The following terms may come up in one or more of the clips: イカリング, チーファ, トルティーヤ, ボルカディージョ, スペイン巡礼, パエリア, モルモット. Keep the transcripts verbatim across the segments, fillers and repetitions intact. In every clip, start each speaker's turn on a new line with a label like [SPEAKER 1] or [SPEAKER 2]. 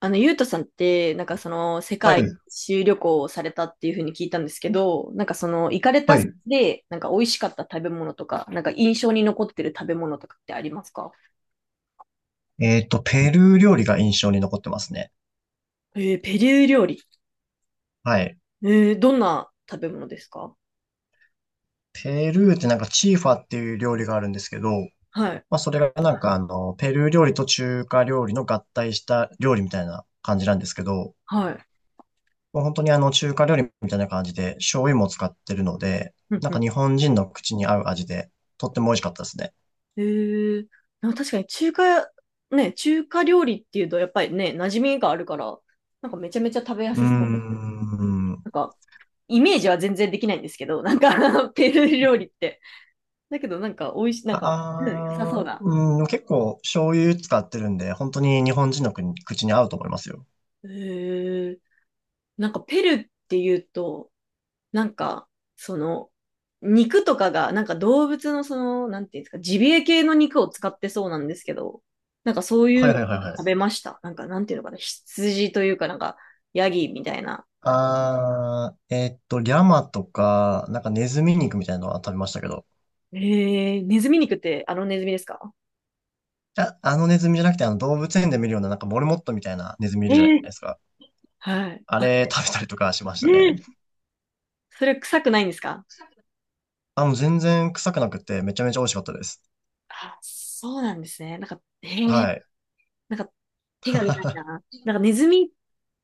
[SPEAKER 1] あの、ゆうとさんって、なんかその、世
[SPEAKER 2] はい、
[SPEAKER 1] 界一周旅行をされたっていうふうに聞いたんですけど、なんかその、行かれ
[SPEAKER 2] は
[SPEAKER 1] た先
[SPEAKER 2] い。
[SPEAKER 1] で、なんか美味しかった食べ物とか、なんか印象に残ってる食べ物とかってありますか？
[SPEAKER 2] えっと、ペルー料理が印象に残ってますね。
[SPEAKER 1] えー、ペルー料理。
[SPEAKER 2] はい。
[SPEAKER 1] えー、どんな食べ物ですか？
[SPEAKER 2] ペルーってなんかチーファっていう料理があるんですけど、
[SPEAKER 1] はい。
[SPEAKER 2] まあそれがなんかあの、ペルー料理と中華料理の合体した料理みたいな感じなんですけど、
[SPEAKER 1] はい。
[SPEAKER 2] もう本当にあの中華料理みたいな感じで醤油も使ってるので、
[SPEAKER 1] うん
[SPEAKER 2] なん
[SPEAKER 1] う
[SPEAKER 2] か
[SPEAKER 1] ん。
[SPEAKER 2] 日本人の口に合う味で、とっても美味しかったですね。
[SPEAKER 1] えー、なんか確かに中華、ね、中華料理っていうと、やっぱりね、馴染みがあるから、なんかめちゃめちゃ食べや
[SPEAKER 2] うー
[SPEAKER 1] すそう。
[SPEAKER 2] ん。
[SPEAKER 1] なんか、イメージは全然できないんですけど、なんか ペルー料理って。だけどなんか美味しい、なんか、うん、良さそう
[SPEAKER 2] ああ、
[SPEAKER 1] だ。
[SPEAKER 2] うん、結構醤油使ってるんで、本当に日本人の国口に合うと思いますよ。
[SPEAKER 1] へえ。なんかペルっていうと、なんか、その、肉とかが、なんか動物のその、なんていうんですか、ジビエ系の肉を使ってそうなんですけど、なんかそういう
[SPEAKER 2] はいはい
[SPEAKER 1] の
[SPEAKER 2] はいはい。
[SPEAKER 1] 食べました。なんか、なんていうのかな、羊というか、なんか、ヤギみたいな。
[SPEAKER 2] あー、えーっと、リャマとか、なんかネズミ肉みたいなのは食べましたけど、
[SPEAKER 1] えー、ネズミ肉ってあのネズミですか？
[SPEAKER 2] あ、あのネズミじゃなくて、あの動物園で見るような、なんかモルモットみたいなネズミい
[SPEAKER 1] え
[SPEAKER 2] るじゃない
[SPEAKER 1] ー、
[SPEAKER 2] ですか。
[SPEAKER 1] はい。
[SPEAKER 2] あ
[SPEAKER 1] あ、
[SPEAKER 2] れ食べたりとかしまし
[SPEAKER 1] え
[SPEAKER 2] たね。
[SPEAKER 1] ー、それ臭くないんですか？
[SPEAKER 2] あ、もう全然臭くなくて、めちゃめちゃ美味しかったです。
[SPEAKER 1] あ、そうなんですね。なんか、えー、
[SPEAKER 2] はい。
[SPEAKER 1] なんか、手が出 ないな。なんかネズミ、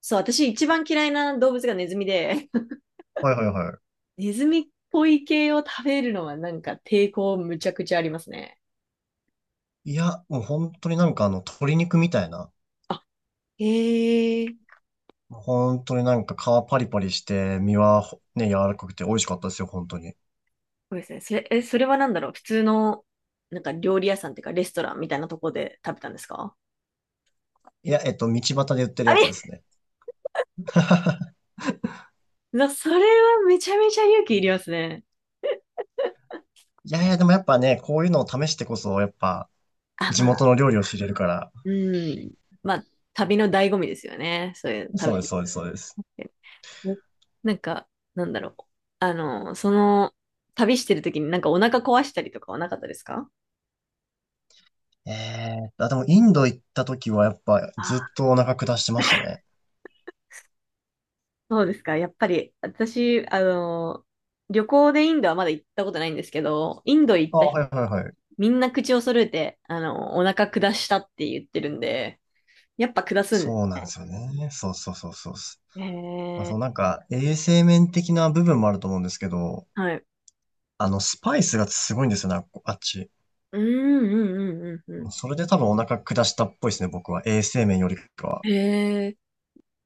[SPEAKER 1] そう、私一番嫌いな動物がネズミで、
[SPEAKER 2] はいはいは
[SPEAKER 1] ネズミっぽい系を食べるのはなんか抵抗むちゃくちゃありますね。
[SPEAKER 2] い。いや、もう本当になんかあの、鶏肉みたいな。
[SPEAKER 1] へえ、そ
[SPEAKER 2] もう本当になんか皮パリパリして、身はほね、柔らかくて美味しかったですよ、本当に。
[SPEAKER 1] うですね。それ、え、それはなんだろう普通の、なんか料理屋さんっていうかレストランみたいなとこで食べたんですか？
[SPEAKER 2] いや、えっと、道端で売ってる
[SPEAKER 1] あ
[SPEAKER 2] やつで
[SPEAKER 1] れ
[SPEAKER 2] すね。
[SPEAKER 1] なそれはめちゃめちゃ勇気いりますね。
[SPEAKER 2] いやいや、でもやっぱね、こういうのを試してこそ、やっぱ、
[SPEAKER 1] あ、
[SPEAKER 2] 地
[SPEAKER 1] まあ、
[SPEAKER 2] 元の料理を知れるから。
[SPEAKER 1] うん。まあ、旅の醍醐味ですよね。そういう
[SPEAKER 2] そ
[SPEAKER 1] 食
[SPEAKER 2] うで
[SPEAKER 1] べ
[SPEAKER 2] す、
[SPEAKER 1] る
[SPEAKER 2] そうです、そうです。
[SPEAKER 1] って。ね、なんか、なんだろう。あの、その、旅してる時になんかお腹壊したりとかはなかったですか？
[SPEAKER 2] ええーあ、でも、インド行った時は、やっぱ、
[SPEAKER 1] あ、
[SPEAKER 2] ずっとお腹下してましたね。
[SPEAKER 1] そうですか。やっぱり、私、あの、旅行でインドはまだ行ったことないんですけど、インド行っ
[SPEAKER 2] あ、
[SPEAKER 1] た人、
[SPEAKER 2] はいはいはい。
[SPEAKER 1] みんな口を揃えて、あの、お腹下したって言ってるんで、やっぱ下すんで
[SPEAKER 2] そうな
[SPEAKER 1] す。
[SPEAKER 2] んですよね。そうそうそうそうっす。
[SPEAKER 1] へ
[SPEAKER 2] まあ、そ
[SPEAKER 1] え、
[SPEAKER 2] のなんか、衛生面的な部分もあると思うんですけど、
[SPEAKER 1] はい。
[SPEAKER 2] あの、スパイスがすごいんですよね、ああっち。
[SPEAKER 1] うんうんうんうんう
[SPEAKER 2] それで多分お腹下したっぽいですね、僕は。衛生面よりかは。
[SPEAKER 1] ん。へえ、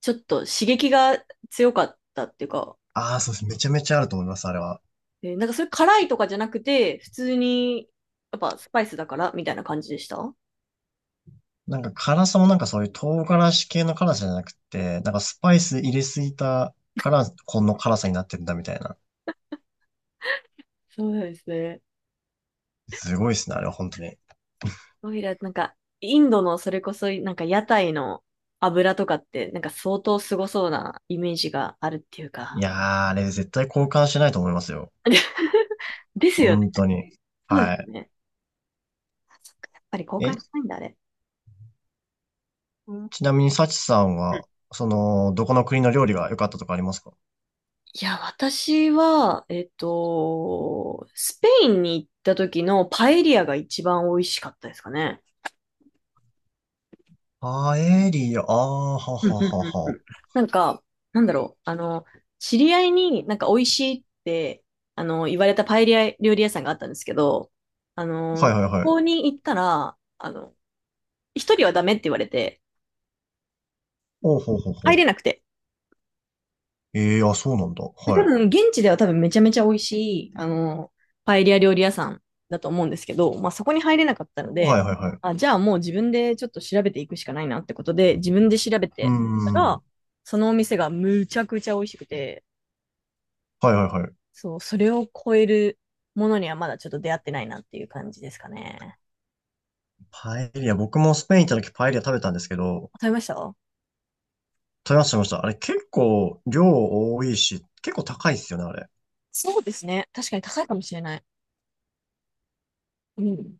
[SPEAKER 1] ちょっと刺激が強かったっていうか、
[SPEAKER 2] ああ、そうです。めちゃめちゃあると思います、あれは。
[SPEAKER 1] えーなんかそれ辛いとかじゃなくて、普通に、やっぱスパイスだからみたいな感じでしたそ
[SPEAKER 2] なんか辛さもなんかそういう唐辛子系の辛さじゃなくて、なんかスパイス入れすぎたから、この辛さになってるんだみたいな。
[SPEAKER 1] うなんですね。
[SPEAKER 2] すごいっすね、あれは本当に。
[SPEAKER 1] オイラ、なんか、インドのそれこそ、なんか屋台の油とかって、なんか相当すごそうなイメージがあるっていう
[SPEAKER 2] い
[SPEAKER 1] か。
[SPEAKER 2] やー、あれ絶対交換しないと思いますよ。
[SPEAKER 1] ですよね。
[SPEAKER 2] 本当に。
[SPEAKER 1] そうです
[SPEAKER 2] は
[SPEAKER 1] よね。あそっか、やっぱり公
[SPEAKER 2] い。え、
[SPEAKER 1] 開しないんだ、あれ。
[SPEAKER 2] ちなみにサチさん
[SPEAKER 1] うん。
[SPEAKER 2] は、その、どこの国の料理が良かったとかありますか？
[SPEAKER 1] いや、私は、えっと、スペインに行った時のパエリアが一番美味しかったですかね。
[SPEAKER 2] パエリア、あー、は
[SPEAKER 1] うんう
[SPEAKER 2] は
[SPEAKER 1] ん
[SPEAKER 2] は
[SPEAKER 1] うんう
[SPEAKER 2] は。
[SPEAKER 1] ん。なんか、なんだろう、あの、知り合いになんか美味しいって、あの、言われたパエリア料理屋さんがあったんですけど、あの、
[SPEAKER 2] はい
[SPEAKER 1] そ
[SPEAKER 2] はいはい。
[SPEAKER 1] こに行ったら、あの、一人はダメって言われて、
[SPEAKER 2] おうほうほうほ
[SPEAKER 1] 入
[SPEAKER 2] う。
[SPEAKER 1] れなくて。
[SPEAKER 2] ええー、あ、そうなんだ。
[SPEAKER 1] で多
[SPEAKER 2] はい。
[SPEAKER 1] 分、現地では多分めちゃめちゃ美味しい、あの、パエリア料理屋さんだと思うんですけど、まあそこに入れなかったの
[SPEAKER 2] は
[SPEAKER 1] で、
[SPEAKER 2] いはいはい。
[SPEAKER 1] あ、じゃあもう自分でちょっと調べていくしかないなってことで、自分で調べ
[SPEAKER 2] うー
[SPEAKER 1] てた
[SPEAKER 2] ん。は
[SPEAKER 1] ら、そのお店がむちゃくちゃ美味しくて、
[SPEAKER 2] いはいはい。
[SPEAKER 1] そう、それを超えるものにはまだちょっと出会ってないなっていう感じですかね。
[SPEAKER 2] パエリア、僕もスペイン行った時パエリア食べたんですけど、
[SPEAKER 1] あ食べました？
[SPEAKER 2] 食べました、食べました。あれ結構量多いし、結構高いですよね、あれ。
[SPEAKER 1] そうですね。確かに高いかもしれない。うん。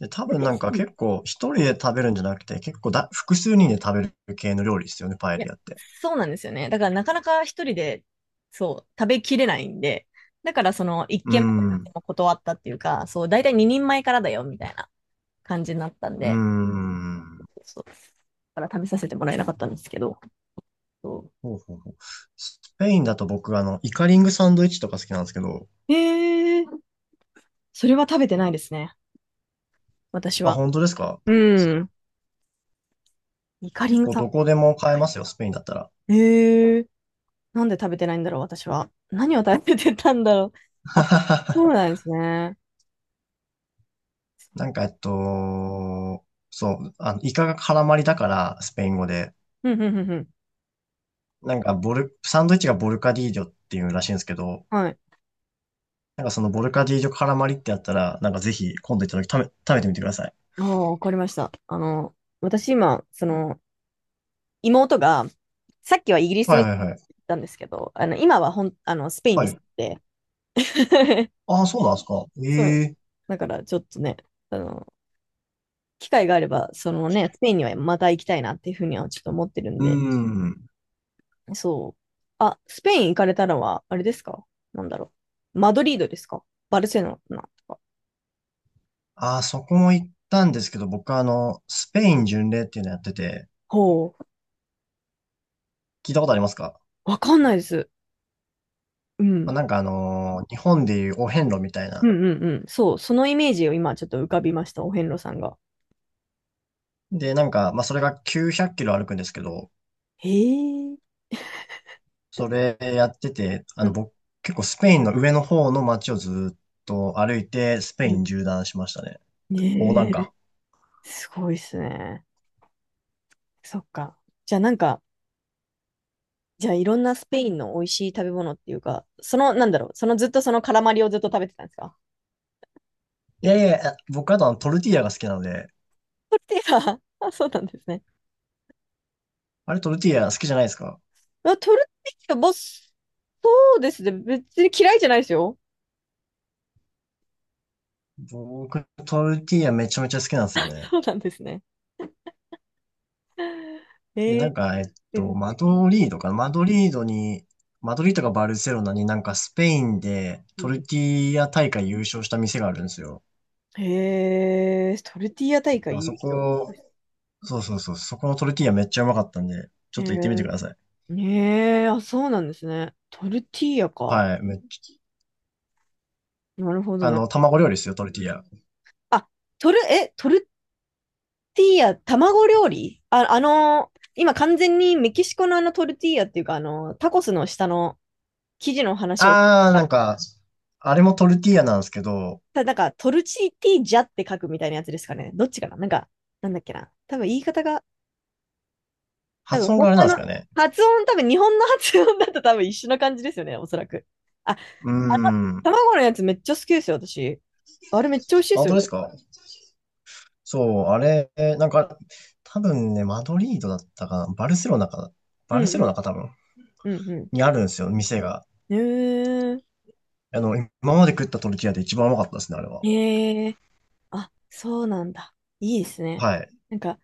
[SPEAKER 2] で、多
[SPEAKER 1] で、
[SPEAKER 2] 分なんか
[SPEAKER 1] うん、
[SPEAKER 2] 結構一人で食べるんじゃなくて、結構だ、複数人で食べる系の料理ですよね、パエ
[SPEAKER 1] いや、
[SPEAKER 2] リアって。
[SPEAKER 1] そうなんですよね。だからなかなか一人で、そう、食べきれないんで、だからその一
[SPEAKER 2] う
[SPEAKER 1] 軒
[SPEAKER 2] ん、う
[SPEAKER 1] 目も断ったっていうか、そう、だいたいににんまえからだよみたいな感じになったん
[SPEAKER 2] ー
[SPEAKER 1] で、
[SPEAKER 2] ん。
[SPEAKER 1] そう、だから食べさせてもらえなかったんですけど、そ
[SPEAKER 2] ほうほうほう。スペインだと僕、あの、イカリングサンドイッチとか好きなんですけど、
[SPEAKER 1] う。えー、それは食べてないですね。私
[SPEAKER 2] あ、
[SPEAKER 1] は。
[SPEAKER 2] 本当ですか？
[SPEAKER 1] うん。イカリ
[SPEAKER 2] 結
[SPEAKER 1] ン
[SPEAKER 2] 構
[SPEAKER 1] さ
[SPEAKER 2] どこでも買えますよ、スペインだったら。
[SPEAKER 1] ん。へー、なんで食べてないんだろう、私は。何を食べてたんだろう。あ、そうな んですね。
[SPEAKER 2] なんか、えっと、そう、あの、イカが絡まりだから、スペイン語で、
[SPEAKER 1] うん、うん、うん、ん。
[SPEAKER 2] なんかボル、サンドイッチがボルカディージョっていうらしいんですけど、
[SPEAKER 1] はい。
[SPEAKER 2] なんかそのボルカディージョ絡まりってやったら、なんかぜひ今度行った時食べ、食べてみてください。
[SPEAKER 1] ああ、わかりました。あの、私今、その、妹が、さっきはイギリス
[SPEAKER 2] はい
[SPEAKER 1] に行
[SPEAKER 2] はいは
[SPEAKER 1] っ
[SPEAKER 2] い。
[SPEAKER 1] たんですけど、あの、今はほん、あの、スペイン
[SPEAKER 2] は
[SPEAKER 1] に住ん
[SPEAKER 2] い。
[SPEAKER 1] で、
[SPEAKER 2] ああ、そうなんですか。
[SPEAKER 1] そ
[SPEAKER 2] え
[SPEAKER 1] う。
[SPEAKER 2] え
[SPEAKER 1] だからちょっとね、あの、機会があれば、そのね、スペインにはまた行きたいなっていうふうにはちょっと思ってるん
[SPEAKER 2] うー
[SPEAKER 1] で、
[SPEAKER 2] ん。
[SPEAKER 1] そう。あ、スペイン行かれたのは、あれですか？なんだろう。マドリードですか？バルセロナとか。
[SPEAKER 2] ああ、そこも行ったんですけど、僕はあの、スペイン巡礼っていうのやってて、
[SPEAKER 1] ほう。
[SPEAKER 2] 聞いたことありますか？
[SPEAKER 1] わかんないです。う
[SPEAKER 2] まあ、
[SPEAKER 1] ん。
[SPEAKER 2] なんかあのー日本でいうお遍路みたい
[SPEAKER 1] う
[SPEAKER 2] な。
[SPEAKER 1] んうんうん。そう。そのイメージを今ちょっと浮かびました。お遍路さんが。
[SPEAKER 2] で、なんか、まあそれがきゅうひゃくキロ歩くんですけど、
[SPEAKER 1] へえ。
[SPEAKER 2] それやってて、あ
[SPEAKER 1] う
[SPEAKER 2] の、
[SPEAKER 1] ん
[SPEAKER 2] 僕、結構スペインの上の方の街をずっと歩いて、スペ
[SPEAKER 1] う
[SPEAKER 2] イ
[SPEAKER 1] ん。
[SPEAKER 2] ン縦断しましたね。横断
[SPEAKER 1] ね
[SPEAKER 2] か。
[SPEAKER 1] え。すごいっすね。そっか。じゃあなんか、じゃあいろんなスペインの美味しい食べ物っていうか、その、なんだろう。そのずっとそのカラマリをずっと食べてたんですか？
[SPEAKER 2] いやいや、僕あとあのトルティーヤが好きなので、
[SPEAKER 1] トルティーヤ。あ、そうなんですね。
[SPEAKER 2] あれトルティーヤ好きじゃないですか？
[SPEAKER 1] あ、トルティーヤ、ボス。そうですね。別に嫌いじゃないですよ。
[SPEAKER 2] 僕、トルティーヤめちゃめちゃ好きなんですよね。
[SPEAKER 1] そうなんですね。
[SPEAKER 2] で、
[SPEAKER 1] へ
[SPEAKER 2] なんか、えっ
[SPEAKER 1] え
[SPEAKER 2] と、マ
[SPEAKER 1] ー。
[SPEAKER 2] ドリードかなマドリードに、マドリードかバルセロナになんかスペインでトルティーヤ大会優勝した店があるんですよ。
[SPEAKER 1] へえー、トルティーヤ大
[SPEAKER 2] だから
[SPEAKER 1] 会優
[SPEAKER 2] そ
[SPEAKER 1] 勝。
[SPEAKER 2] こ、そうそうそう、そこのトルティーヤめっちゃうまかったんで、ち
[SPEAKER 1] へ
[SPEAKER 2] ょっと行ってみて
[SPEAKER 1] え、
[SPEAKER 2] ください。
[SPEAKER 1] ねえ、あ、そうなんですね。トルティーヤか。
[SPEAKER 2] はい、めっちゃ
[SPEAKER 1] なるほど
[SPEAKER 2] あ
[SPEAKER 1] なる。
[SPEAKER 2] の、卵料理ですよ、トルティーヤ。
[SPEAKER 1] あ、トル、え、トルティーヤ、卵料理あ、あのー今完全にメキシコのあのトルティーヤっていうか、あのータコスの下の生地の話を、
[SPEAKER 2] あー、なんか、あれもトルティーヤなんですけど、
[SPEAKER 1] た、なんかトルチティージャって書くみたいなやつですかね。どっちかななんか、なんだっけな。多分言い方が、多
[SPEAKER 2] 発音が
[SPEAKER 1] 分
[SPEAKER 2] あれなん
[SPEAKER 1] 他
[SPEAKER 2] です
[SPEAKER 1] の
[SPEAKER 2] かね。
[SPEAKER 1] 発音、多分日本の発音だと多分一緒な感じですよね、おそらく。あ、あ
[SPEAKER 2] うーん。あ
[SPEAKER 1] の、卵のやつめっちゃ好きですよ、私。あれめっちゃ美味しいで
[SPEAKER 2] 本
[SPEAKER 1] す
[SPEAKER 2] 当
[SPEAKER 1] よ
[SPEAKER 2] で
[SPEAKER 1] ね。
[SPEAKER 2] すか？そう、あれ、なんか、多分ね、マドリードだったかな。バルセロナかな。
[SPEAKER 1] う
[SPEAKER 2] バル
[SPEAKER 1] ん
[SPEAKER 2] セロ
[SPEAKER 1] う
[SPEAKER 2] ナ
[SPEAKER 1] ん
[SPEAKER 2] か多分。
[SPEAKER 1] うんうん。
[SPEAKER 2] にあるんですよ、店が。
[SPEAKER 1] うーん。
[SPEAKER 2] あの、今まで食ったトルティーヤで一番うまかったですね、あれは。
[SPEAKER 1] へえ。あ、そうなんだ。いいですね。
[SPEAKER 2] はい。
[SPEAKER 1] なんか、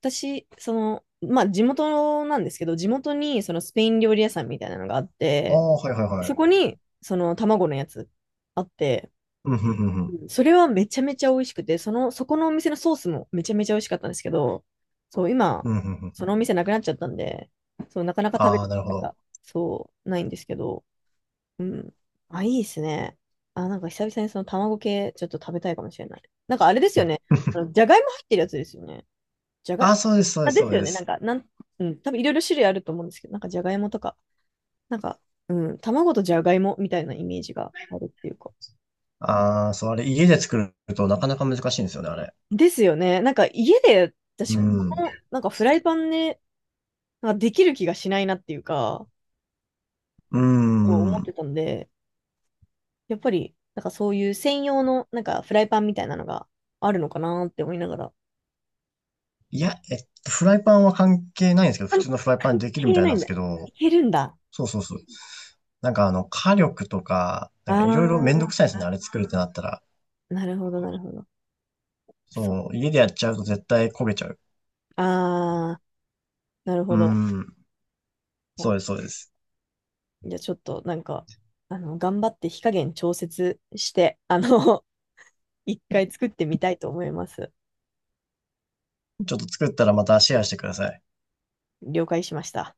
[SPEAKER 1] 私、その、まあ、地元なんですけど、地元に、そのスペイン料理屋さんみたいなのがあっ
[SPEAKER 2] あ
[SPEAKER 1] て、
[SPEAKER 2] あ、はいはい
[SPEAKER 1] そ
[SPEAKER 2] はい。
[SPEAKER 1] こに、その、卵のやつあって、
[SPEAKER 2] うんふんふんふん。
[SPEAKER 1] うん、それはめちゃめちゃ美味しくて、その、そこのお店のソースもめちゃめちゃ美味しかったんですけど、そう、今、
[SPEAKER 2] うんふんふんふ
[SPEAKER 1] その
[SPEAKER 2] ん。
[SPEAKER 1] お店なくなっちゃったんで、そう、なかなか食べ
[SPEAKER 2] あ
[SPEAKER 1] る
[SPEAKER 2] あ、なる
[SPEAKER 1] 機
[SPEAKER 2] ほ
[SPEAKER 1] 会が、
[SPEAKER 2] ど。
[SPEAKER 1] そう、ないんですけど、うん。あ、いいですね。あ、なんか久々にその卵系ちょっと食べたいかもしれない。なんかあれですよね。あのじゃがいも入ってるやつですよね。じゃがい、
[SPEAKER 2] ああ、そうです、そうで
[SPEAKER 1] あ、
[SPEAKER 2] す、
[SPEAKER 1] で
[SPEAKER 2] そ
[SPEAKER 1] す
[SPEAKER 2] う
[SPEAKER 1] よ
[SPEAKER 2] で
[SPEAKER 1] ね。なん
[SPEAKER 2] す。
[SPEAKER 1] か、なん、うん、多分いろいろ種類あると思うんですけど、なんかじゃがいもとか、なんか、うん、卵とじゃがいもみたいなイメージがあるっていうか。
[SPEAKER 2] ああ、そう、あれ、家で作るとなかなか難しいんですよね、あれ。
[SPEAKER 1] ですよね。なんか家で私、
[SPEAKER 2] う
[SPEAKER 1] こ
[SPEAKER 2] ん。
[SPEAKER 1] の、なんかフライパンで、なんかできる気がしないなっていうか、
[SPEAKER 2] うー
[SPEAKER 1] そう思って
[SPEAKER 2] ん。
[SPEAKER 1] たんで、やっぱり、なんかそういう専用の、なんかフライパンみたいなのがあるのかなって思いながら。
[SPEAKER 2] いや、えっと、フライパンは関係ないんですけど、普
[SPEAKER 1] 関
[SPEAKER 2] 通のフライパン
[SPEAKER 1] 関
[SPEAKER 2] でできるみ
[SPEAKER 1] 係
[SPEAKER 2] たい
[SPEAKER 1] な
[SPEAKER 2] な
[SPEAKER 1] い
[SPEAKER 2] んで
[SPEAKER 1] ん
[SPEAKER 2] す
[SPEAKER 1] だ。い
[SPEAKER 2] けど、
[SPEAKER 1] けるんだ。
[SPEAKER 2] そうそうそう。なんかあの、火力とか、な
[SPEAKER 1] あ
[SPEAKER 2] んかいろいろめんど
[SPEAKER 1] ー、
[SPEAKER 2] くさいですね、あれ作るってなったら。
[SPEAKER 1] なるほど、なるほど。そ、
[SPEAKER 2] そう、家でやっちゃうと絶対焦げちゃう。
[SPEAKER 1] あー、なる
[SPEAKER 2] うー
[SPEAKER 1] ほど。
[SPEAKER 2] ん。
[SPEAKER 1] も
[SPEAKER 2] そ
[SPEAKER 1] う
[SPEAKER 2] うです、そうです。
[SPEAKER 1] じゃあちょっと、なんか、あの、頑張って火加減調節して、あの、一回作ってみたいと思います。
[SPEAKER 2] ちょっと作ったらまたシェアしてください。
[SPEAKER 1] 了解しました。